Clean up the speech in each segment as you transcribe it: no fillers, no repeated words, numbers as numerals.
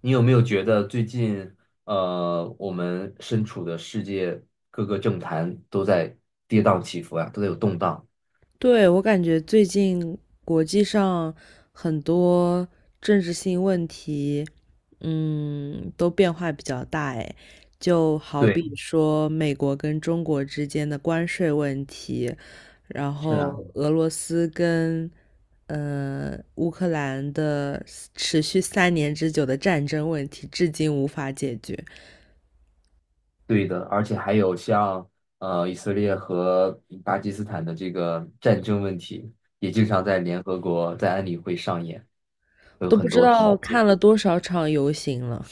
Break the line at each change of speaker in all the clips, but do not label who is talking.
你有没有觉得最近，我们身处的世界各个政坛都在跌宕起伏啊，都在有动荡？
对，我感觉最近国际上很多政治性问题，都变化比较大诶，就好
对，
比说美国跟中国之间的关税问题，然
是啊，
后俄罗斯跟乌克兰的持续3年之久的战争问题，至今无法解决，
对的，而且还有像以色列和巴基斯坦的这个战争问题，也经常在联合国在安理会上演，有
都不
很
知
多
道
讨
看
论。
了多少场游行了。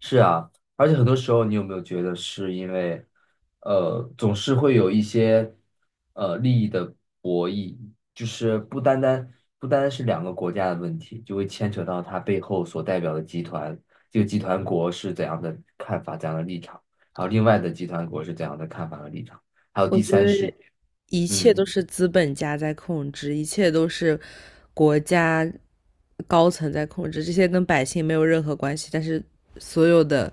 是啊，而且很多时候，你有没有觉得是因为，总是会有一些利益的博弈，就是不单单是两个国家的问题，就会牵扯到它背后所代表的集团，这个集团国是怎样的看法、怎样的立场，还有另外的集团国是怎样的看法和立场，还有
我
第
觉
三世
得
界，
一切都
嗯，
是资本家在控制，一切都是国家高层在控制，这些跟百姓没有任何关系。但是所有的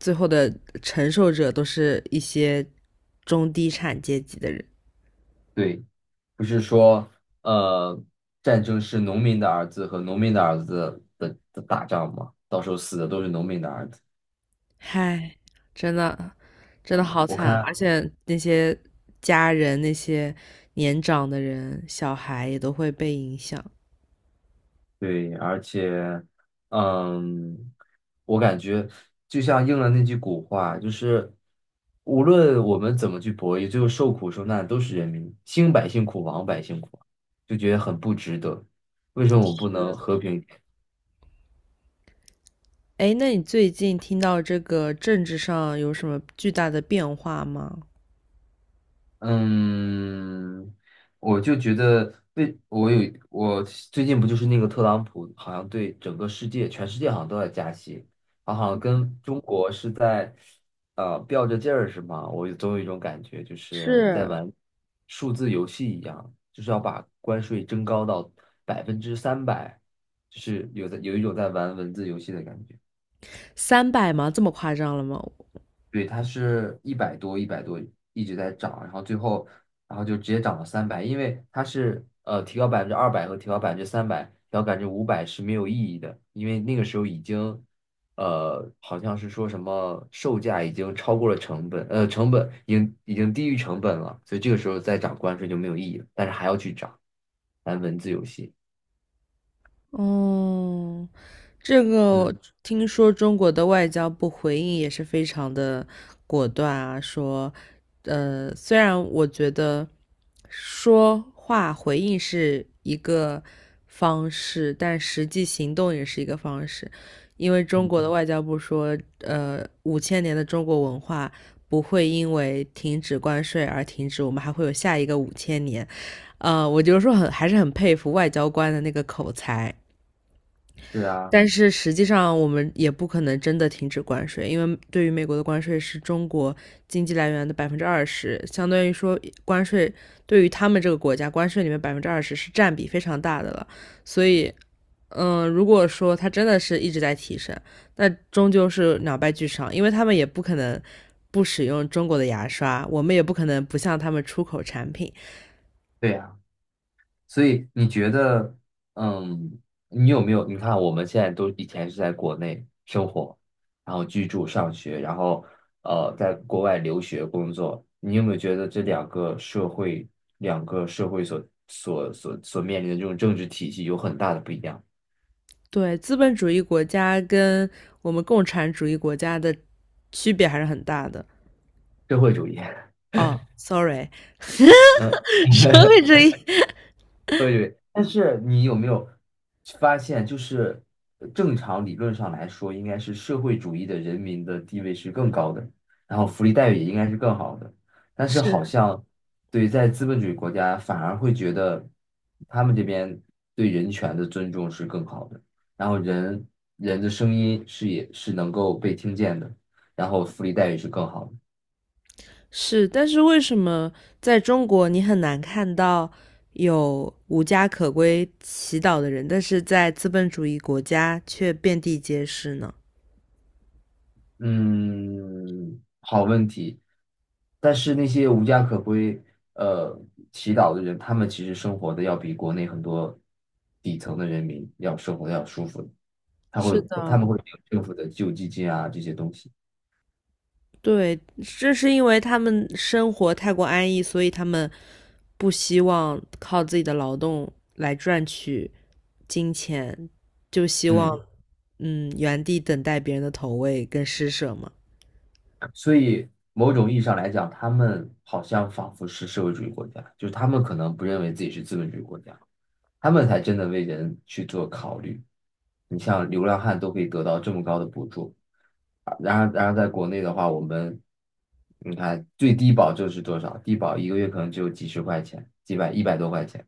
最后的承受者都是一些中低产阶级的人。
对。不是说，呃，战争是农民的儿子和农民的儿子的打仗吗？到时候死的都是农民的儿子
唉，真的
啊，
真的好
我
惨啊，而
看，
且那些家人、那些年长的人、小孩也都会被影响。
对，而且，嗯，我感觉就像应了那句古话，就是无论我们怎么去博弈，最后受苦受难的都是人民，兴百姓苦，亡百姓苦，就觉得很不值得。为什么我们不能
是，
和平？
哎，那你最近听到这个政治上有什么巨大的变化吗？
嗯，我就觉得被我有我最近不就是那个特朗普，好像对整个世界、全世界好像都在加息，他好像跟中国是在吊着劲儿是吗？总有一种感觉，就是在
是，
玩数字游戏一样，就是要把关税增高到百分之三百，有一种在玩文字游戏的感觉。
300吗？这么夸张了吗？
对，它是一百多，一百多一直在涨，然后最后，然后就直接涨到三百，因为它是提高200%和提高百分之三百，提高500%是没有意义的，因为那个时候已经，好像是说什么售价已经超过了成本，成本已经低于成本了，所以这个时候再涨关税就没有意义了，但是还要去涨，玩文字游戏，
嗯，这个
嗯，
听说中国的外交部回应也是非常的果断啊，说，虽然我觉得说话回应是一个方式，但实际行动也是一个方式，因为中
嗯，
国的外交部说，五千年的中国文化不会因为停止关税而停止，我们还会有下一个五千年，我就说还是很佩服外交官的那个口才。
对啊，
但是实际上，我们也不可能真的停止关税，因为对于美国的关税是中国经济来源的百分之二十，相当于说关税对于他们这个国家，关税里面百分之二十是占比非常大的了。所以，如果说它真的是一直在提升，那终究是两败俱伤，因为他们也不可能不使用中国的牙刷，我们也不可能不向他们出口产品。
对啊。所以你觉得，嗯，你有没有？你看，我们现在都以前是在国内生活，然后居住、上学，然后在国外留学、工作，你有没有觉得这两个社会、两个社会所面临的这种政治体系有很大的不一样？
对，资本主义国家跟我们共产主义国家的区别还是很大的。
社会主义，
哦，sorry，
嗯，
社会 主义
对对，但是你有没有发现，就是正常理论上来说，应该是社会主义的人民的地位是更高的，然后福利待遇也应该是更好的。但是好
是
像对在资本主义国家，反而会觉得他们这边对人权的尊重是更好的，然后人人的声音是也是能够被听见的，然后福利待遇是更好的。
是，但是为什么在中国你很难看到有无家可归祈祷的人，但是在资本主义国家却遍地皆是呢？
嗯，好问题。但是那些无家可归、呃祈祷的人，他们其实生活的要比国内很多底层的人民要生活的要舒服，他会
是
他们
的，
会有政府的救济金啊这些东西，
对，这是因为他们生活太过安逸，所以他们不希望靠自己的劳动来赚取金钱，就希望
嗯，
原地等待别人的投喂跟施舍嘛。
所以某种意义上来讲，他们好像仿佛是社会主义国家，就是他们可能不认为自己是资本主义国家，他们才真的为人去做考虑。你像流浪汉都可以得到这么高的补助，啊然而在国内的话，我们你看最低保就是多少？低保一个月可能只有几十块钱，几百一百多块钱。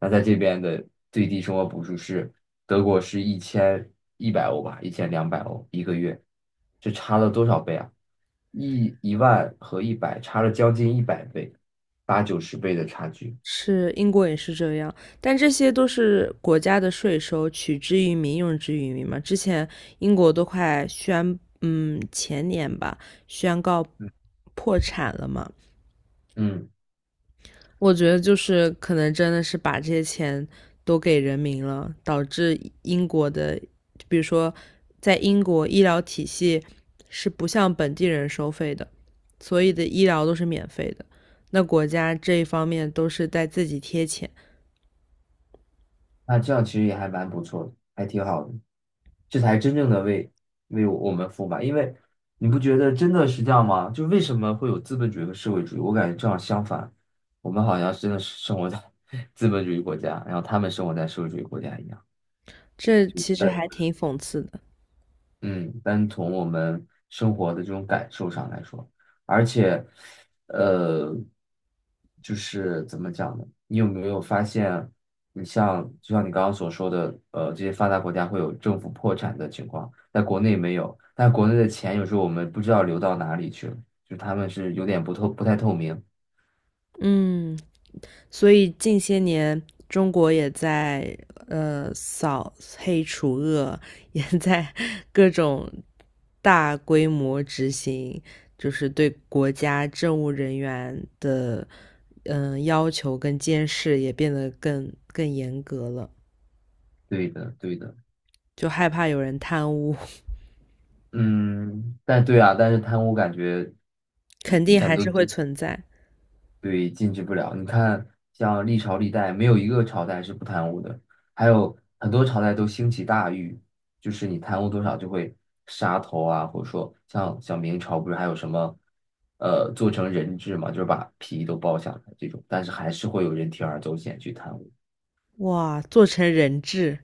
那在这边的最低生活补助是德国是1100欧吧，1200欧1个月，这差了多少倍啊？1万和一百差了将近100倍，89十倍的差距。
是英国也是这样，但这些都是国家的税收，取之于民，用之于民嘛。之前英国都快宣，前年吧，宣告
嗯，
破产了嘛。
嗯。
我觉得就是可能真的是把这些钱都给人民了，导致英国的，比如说在英国医疗体系是不向本地人收费的，所以的医疗都是免费的。那国家这一方面都是在自己贴钱。
那这样其实也还蛮不错的，还挺好的，这才真正的为我们服务吧。因为你不觉得真的是这样吗？就为什么会有资本主义和社会主义？我感觉正好相反，我们好像真的是生活在 资本主义国家，然后他们生活在社会主义国家一样。
这其实还挺讽刺的，
嗯，单从我们生活的这种感受上来说，而且，呃，就是怎么讲呢？你有没有发现，你像就像你刚刚所说的，这些发达国家会有政府破产的情况，在国内没有，但国内的钱有时候我们不知道流到哪里去了，就他们是有点不太透明。
嗯，所以近些年中国也在扫黑除恶，也在各种大规模执行，就是对国家政务人员的要求跟监视也变得更严格了，
对的，对的，
就害怕有人贪污，
嗯，但对啊，但是贪污感觉，
肯定
感
还
都
是会存在。
对，禁止不了。你看，像历朝历代，没有一个朝代是不贪污的，还有很多朝代都兴起大狱，就是你贪污多少就会杀头啊，或者说像明朝不是还有什么，做成人质嘛，就是把皮都剥下来这种，但是还是会有人铤而走险去贪污，
哇，做成人质，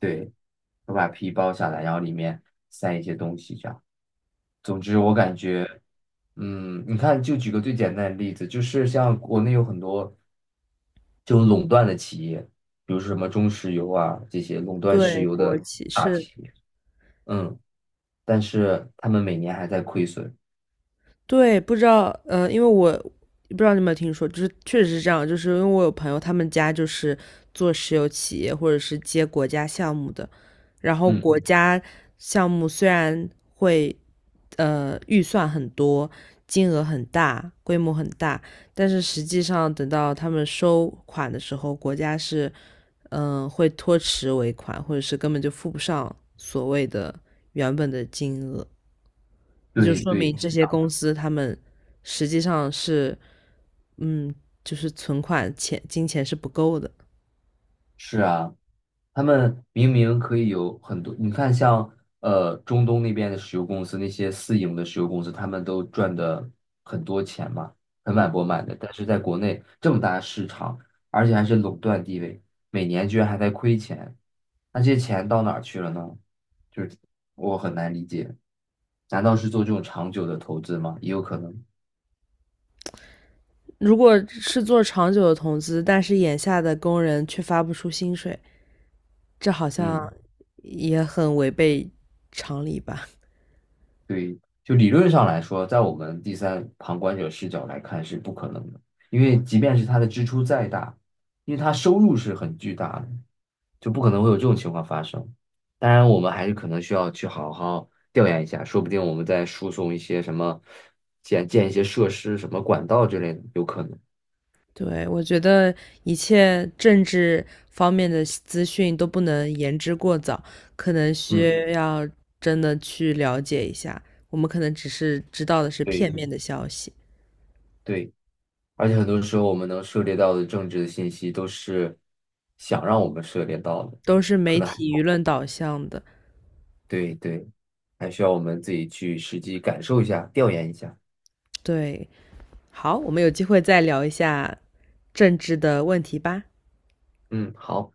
对，会把皮剥下来，然后里面塞一些东西这样。总之，我感觉。嗯，你看，就举个最简单的例子，就是像国内有很多就垄断的企业，比如说什么中石油啊这些垄断石
对
油
国
的
企
大
是。
企业，嗯，但是他们每年还在亏损，
对，不知道，因为我不知道你有没有听说，就是确实是这样，就是因为我有朋友，他们家就是做石油企业或者是接国家项目的，然后
嗯，
国家项目虽然会，预算很多，金额很大，规模很大，但是实际上等到他们收款的时候，国家是，会拖迟尾款，或者是根本就付不上所谓的原本的金额。也就
对
说
对，
明这些公司他们实际上是，嗯，就是存款钱金钱是不够的。
是啊是啊，他们明明可以有很多，你看像中东那边的石油公司，那些私营的石油公司，他们都赚的很多钱嘛，盆满钵满的。但是在国内这么大的市场，而且还是垄断地位，每年居然还在亏钱，那这些钱到哪儿去了呢？就是我很难理解，难道是做这种长久的投资吗？也有可能，
如果是做长久的投资，但是眼下的工人却发不出薪水，这好
嗯。
像也很违背常理吧？
对，就理论上来说，在我们第三旁观者视角来看是不可能的，因为即便是他的支出再大，因为他收入是很巨大的，就不可能会有这种情况发生。当然，我们还是可能需要去好好调研一下，说不定我们再输送一些什么建一些设施、什么管道之类的，有可能。
对，我觉得一切政治方面的资讯都不能言之过早，可能
嗯，
需要真的去了解一下。我们可能只是知道的是
对
片面的消息。
对，而且很多时候我们能涉猎到的政治的信息都是想让我们涉猎到的，
都是
可
媒
能还。
体舆论导向的。
对对，还需要我们自己去实际感受一下，调研一下。
对，好，我们有机会再聊一下政治的问题吧。
嗯，好。